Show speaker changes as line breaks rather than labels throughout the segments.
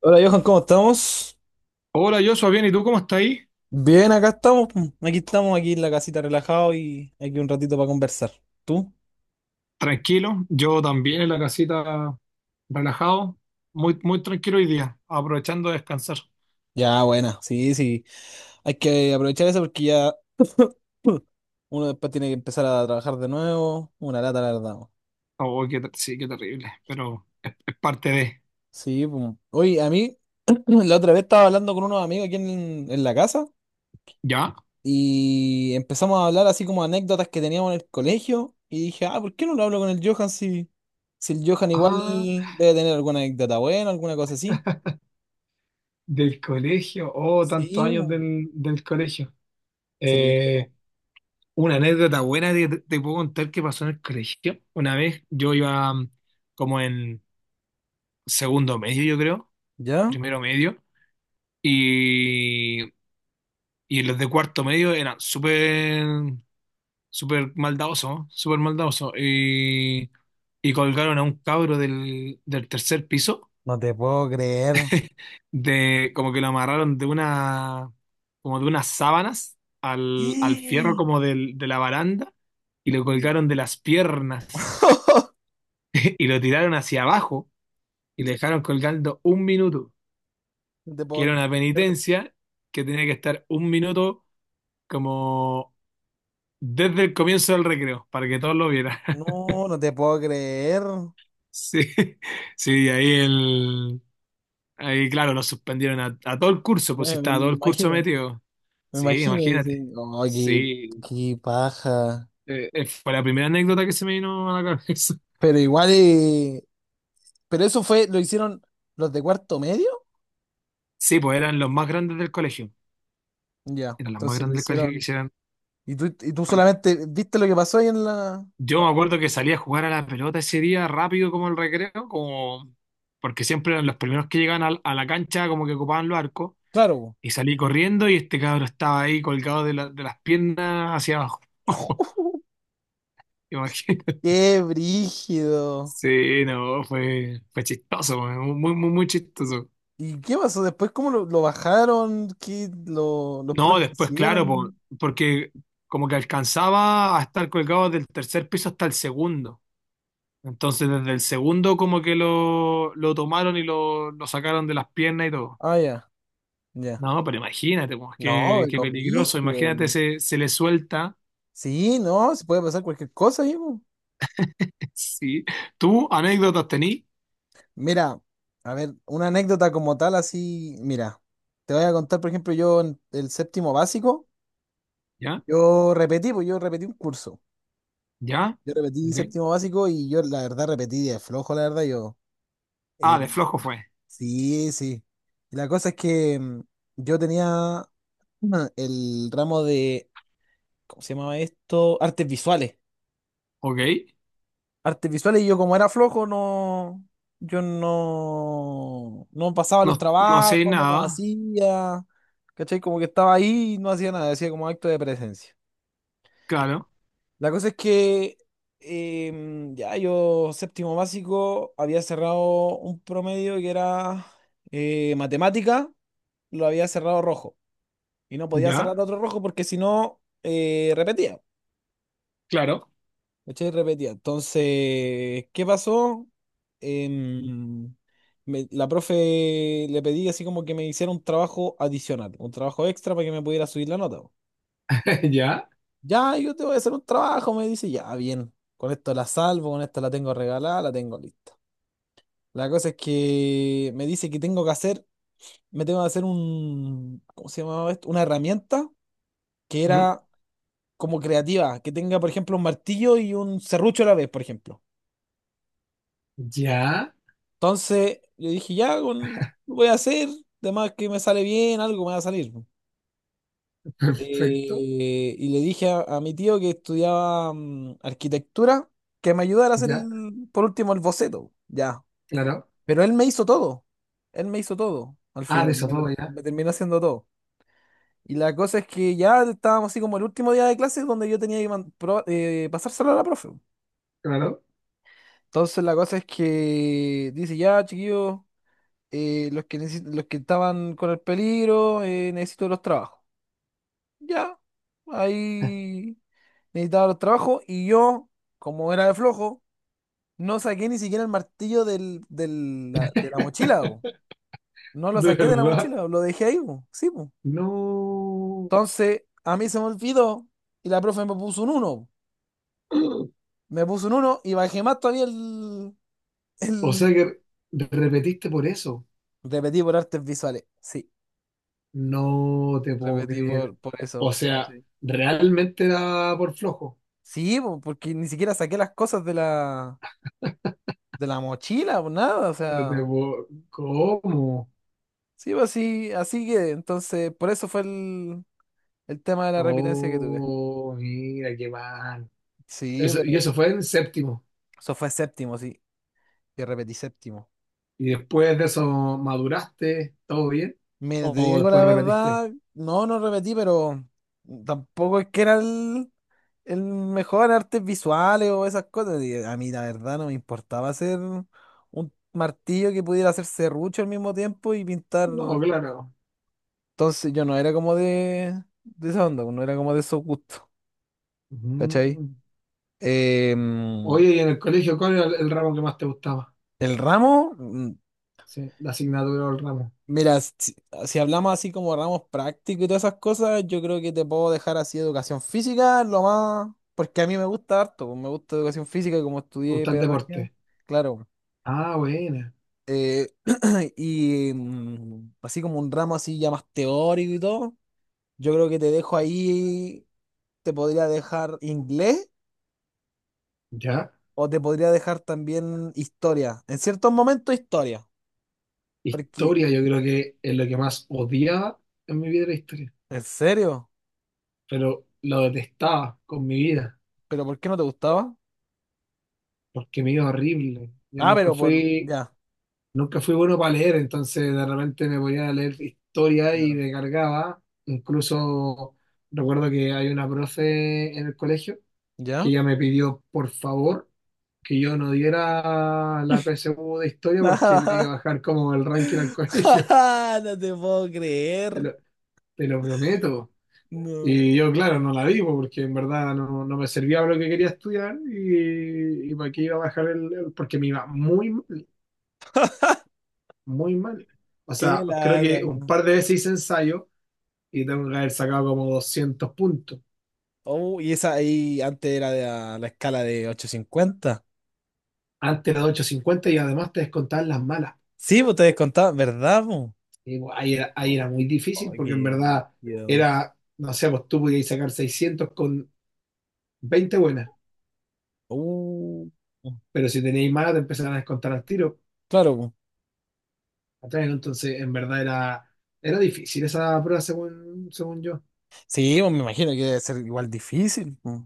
Hola Johan, ¿cómo estamos?
Hola, Joshua, bien, ¿y tú cómo estás ahí?
Bien, acá estamos. Pum. Aquí estamos, aquí en la casita relajado y aquí un ratito para conversar. ¿Tú?
Tranquilo, yo también en la casita, relajado, muy, muy tranquilo hoy día, aprovechando de descansar.
Ya, buena, sí, sí. Hay que aprovechar eso porque ya uno después tiene que empezar a trabajar de nuevo. Una lata, la verdad, po.
Oh, qué ter- sí, qué terrible, pero es parte de,
Sí, pum. Oye, a mí la otra vez estaba hablando con unos amigos aquí en la casa
¿ya?
y empezamos a hablar así como anécdotas que teníamos en el colegio y dije, ah, ¿por qué no lo hablo con el Johan si, el Johan igual
Ah,
debe tener alguna anécdota buena, alguna cosa así?
del colegio, oh, tantos
Sí,
años
bo.
del colegio.
Sí, bo.
Eh, una anécdota buena que te puedo contar que pasó en el colegio. Una vez yo iba como en segundo medio, yo creo,
¿Yo?
primero medio, y, y los de cuarto medio eran súper maldadoso, súper maldadoso. Y colgaron a un cabro del tercer piso,
No te puedo creer.
de, como que lo amarraron de una, como de unas sábanas al fierro como del, de la baranda y lo colgaron de las piernas y lo tiraron hacia abajo y le dejaron colgando un minuto,
No te
que
puedo
era una
creer.
penitencia que tenía que estar un minuto como desde el comienzo del recreo, para que todos lo vieran.
No, no te puedo creer.
Sí, sí, ahí, claro, lo suspendieron a todo el curso,
Me,
pues si
me-
estaba
me
todo el curso
imagino,
metido.
me
Sí,
imagino. Dice,
imagínate.
"Oh, qué,
Sí,
qué paja."
fue la primera anécdota que se me vino a la cabeza.
Pero igual, pero eso fue, lo hicieron los de cuarto medio.
Sí, pues eran los más grandes del colegio.
Ya,
Eran los más
entonces lo
grandes del colegio que
hicieron.
hicieron.
Y tú
Con-
solamente viste lo que pasó ahí en la.
Yo me
Oh,
acuerdo que salía a jugar a la pelota ese día rápido como el recreo, como… porque siempre eran los primeros que llegaban al- a, la cancha, como que ocupaban los arcos.
claro, bo.
Y salí corriendo y este cabro estaba ahí colgado de, la- de las piernas hacia abajo. Imagínate.
Qué brígido.
Sí, no, fue chistoso, muy, muy chistoso.
¿Y qué pasó después? ¿Cómo lo bajaron? ¿Qué los
No,
profes que
después, claro, por-
hicieron?
porque como que alcanzaba a estar colgado del tercer piso hasta el segundo. Entonces, desde el segundo, como que lo tomaron y lo sacaron de las piernas y todo.
Ah, ya, ya.
No, pero imagínate, pues,
No,
qué
pero
peligroso. Imagínate,
brígido.
se le suelta.
Sí, no, se puede pasar cualquier cosa, hijo.
Sí. ¿Tú anécdotas tení?
Mira, a ver, una anécdota como tal, así, mira, te voy a contar, por ejemplo, yo en el séptimo básico,
¿Ya?
yo repetí, pues yo repetí un curso.
¿Ya?
Yo repetí
Ok.
séptimo básico y yo, la verdad, repetí de flojo, la verdad, yo.
Ah,
eh,
de flojo fue.
sí, sí. Y la cosa es que yo tenía el ramo de, ¿cómo se llamaba esto? Artes visuales.
Ok.
Artes visuales y yo como era flojo, no, yo no pasaba los
No, no
trabajos,
sé
no los
nada.
hacía, ¿cachai? Como que estaba ahí y no hacía nada, hacía como acto de presencia.
Claro.
La cosa es que ya yo séptimo básico había cerrado un promedio que era, matemática, lo había cerrado rojo y no podía cerrar
¿Ya?
otro rojo porque si no, repetía.
Claro.
¿Cachai? Repetía. Entonces, ¿qué pasó? Em, la profe le pedí así como que me hiciera un trabajo adicional, un trabajo extra para que me pudiera subir la nota, po.
Ya,
Ya, yo te voy a hacer un trabajo, me dice, ya, bien, con esto la salvo, con esto la tengo regalada, la tengo lista. La cosa es que me dice que me tengo que hacer un, ¿cómo se llamaba esto? Una herramienta que
¿Mm?
era como creativa, que tenga, por ejemplo, un martillo y un serrucho a la vez, por ejemplo.
Ya,
Entonces, yo dije, ya, lo voy a hacer, además que me sale bien, algo me va a salir.
perfecto,
Y le dije a mi tío que estudiaba arquitectura, que me ayudara a hacer
ya,
por último el boceto, ya.
claro.
Pero él me hizo todo, él me hizo todo, al
Ah, de
final,
eso todo ya,
me terminó haciendo todo. Y la cosa es que ya estábamos así como el último día de clases donde yo tenía que pasárselo a la profe.
claro.
Entonces la cosa es que dice, ya, chiquillos. Los que estaban con el peligro, necesito los trabajos. Ya, ahí necesitaba los trabajos y yo, como era de flojo, no saqué ni siquiera el martillo de la mochila, po. No lo
De
saqué de la
verdad,
mochila, lo dejé ahí, po. Sí, po.
no.
Entonces, a mí se me olvidó y la profe me puso un uno. Me puso un uno y bajé más todavía el,
O sea
el...
que repetiste por eso.
Repetí por artes visuales, sí.
No te puedo
Repetí
creer.
por
O
eso.
sea, realmente era por flojo.
Sí, po, porque ni siquiera saqué las cosas de la mochila o nada, o
No te
sea,
puedo- ¿Cómo?
sí, pues así que, entonces, por eso fue el tema de la repitencia que tuve.
Oh, mira, qué mal.
Sí,
Eso,
pero
y eso fue en séptimo.
eso fue séptimo, sí, que repetí séptimo.
¿Y después de eso maduraste? ¿Todo bien?
Mira, te
¿O
digo la
después repetiste?
verdad, no, no repetí, pero tampoco es que era el mejor en artes visuales o esas cosas. Y a mí la verdad no me importaba hacer un martillo que pudiera hacer serrucho al mismo tiempo y pintar.
No, claro.
Entonces yo no era como de esa onda, no era como de esos gustos, ¿cachai?
Mm.
Em,
Oye, ¿y en el colegio cuál era el ramo que más te gustaba?
el ramo,
Sí, la asignatura o el ramo.
mira, si, hablamos así como ramos prácticos y todas esas cosas, yo creo que te puedo dejar así educación física, lo más, porque a mí me gusta harto, pues, me gusta educación física, como
¿Te
estudié
gusta el
pedagogía,
deporte?
claro.
Ah, buena.
Eh, y así como un ramo así ya más teórico y todo, yo creo que te dejo ahí, te podría dejar inglés.
Ya.
O te podría dejar también historia. En ciertos momentos historia. Porque,
Historia, yo creo que es lo que más odiaba en mi vida era historia.
¿en serio?
Pero lo detestaba con mi vida,
¿Pero por qué no te gustaba?
porque me iba horrible. Yo
Ah,
nunca
pero por.
fui,
Ya.
nunca fui bueno para leer, entonces de repente me ponía a leer historia y
Claro.
me cargaba. Incluso recuerdo que hay una profe en el colegio que
¿Ya?
ella me pidió por favor que yo no diera la PSU de historia porque le iba a bajar como el ranking al colegio,
No te puedo
te
creer.
lo, te lo prometo. Y yo,
No.
claro, no la di porque en verdad no me servía para lo que quería estudiar y para qué iba a bajar porque me iba muy mal, muy mal. O
Qué
sea, creo
lata.
que un par de veces hice ensayo y tengo que haber sacado como 200 puntos.
Oh, y esa ahí antes era de la escala de 850.
Antes era de 850 y además te descontaban las malas.
Sí, vos te descontabas, ¿verdad, po?
Digo, ahí
No.
era muy difícil
Ay,
porque en
qué
verdad
brígido.
era, no sé, pues tú podías sacar 600 con 20 buenas,
Uh,
pero si tenías más te empezaban a descontar al tiro.
claro,
¿Cachai? Entonces, era difícil esa prueba según, según yo,
sí, pues me imagino que debe ser igual difícil, pues,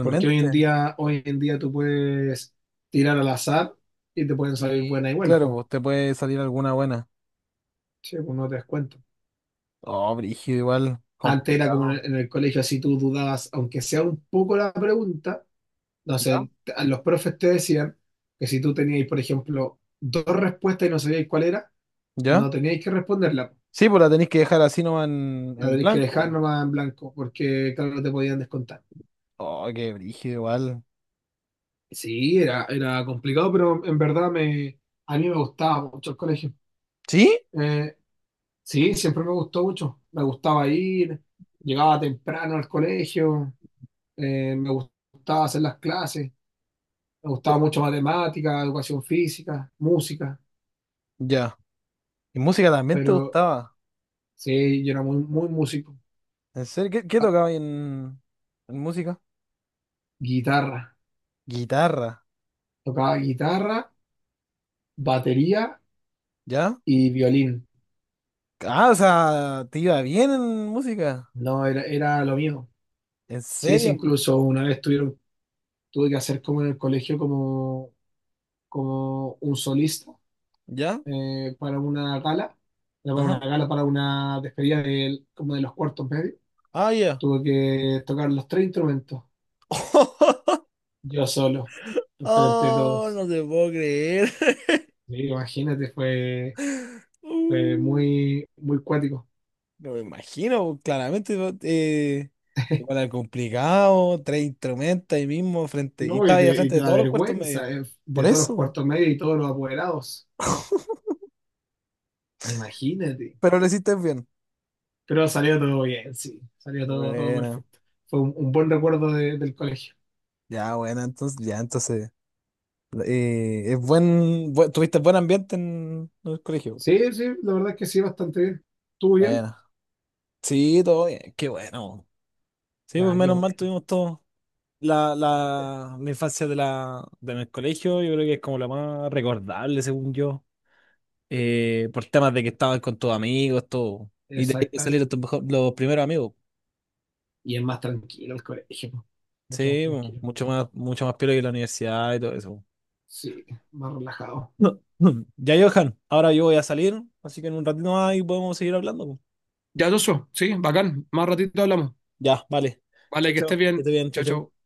porque hoy en día tú puedes tirar al azar y te pueden salir
Y
buenas igual,
claro,
pues,
pues te puede salir alguna buena.
sí, pues no te das cuenta.
Oh, brígido, igual,
Antes era como en
complicado.
en el colegio, así tú dudabas, aunque sea un poco la pregunta, No
¿Ya?
sé, a los profes te decían que si tú teníais, por ejemplo, dos respuestas y no sabíais cuál era, no
¿Ya?
teníais que responderla.
Sí, pues la tenéis que dejar así nomás en,
La
en
tenéis que dejar
blanco.
nomás en blanco, porque claro, no te podían descontar.
Oh, qué brígido, igual.
Sí, era complicado, pero en verdad a mí me gustaba mucho el colegio.
¿Sí?
Eh, sí, siempre me gustó mucho. Me gustaba ir, llegaba temprano al colegio, me gustaba hacer las clases, me gustaba
Pe-
mucho matemática, educación física, música,
Ya. ¿Y música también te
pero
gustaba?
Sí, yo era muy músico.
¿En serio? ¿Qué tocaba en música?
Guitarra.
Guitarra.
Tocaba guitarra, batería
¿Ya?
y violín.
Ah, o sea, te iba bien en música.
No, era lo mío.
¿En
Sí, sí,
serio?
incluso una vez tuvieron, tuve que hacer como en el colegio como, como un solista
¿Ya?
para una gala. Era para una
Ajá.
gala, para una despedida del- como de los cuartos medios.
Ah, ya.
Tuve que tocar los tres instrumentos, yo solo, enfrente de
Oh,
todos.
no te puedo creer.
Sí, imagínate,
Uh,
fue muy cuático.
No me imagino, claramente, ¿no? Igual era complicado, tres instrumentos ahí mismo, frente, y
No, y
estaba ahí al
te, y
frente
te
de
da
todos los cuartos medios.
vergüenza
Por
de todos los
eso,
cuartos medios y todos los apoderados. Imagínate.
pero lo hiciste bien.
Pero salió todo bien, sí. Salió todo, todo
Bueno,
perfecto. Fue un buen recuerdo de- del colegio.
ya, bueno, entonces, ya, entonces, tuviste buen ambiente en el colegio.
Sí, sí, la verdad es que sí, bastante bien. ¿Estuvo bien?
Bueno, sí, todo bien, qué bueno. Sí, pues
Ya, qué
menos mal
bueno.
tuvimos todo. La infancia de mi colegio, yo creo que es como la más recordable, según yo, por temas de que estabas con tus amigos, todo. Y de ahí te
Exacta.
salieron los primeros amigos.
Y es más tranquilo el colegio. Po. Mucho más
Sí, bueno,
tranquilo.
mucho más piola que la universidad y todo eso.
Sí, más relajado.
No, no. Ya, Johan, ahora yo voy a salir, así que en un ratito más ahí podemos seguir hablando.
Ya, Joshua, sí, bacán. Más ratito hablamos.
Ya, vale.
Vale,
Chao,
que estés
chao. Que
bien.
estés bien, chao,
Chao, chao.
chao.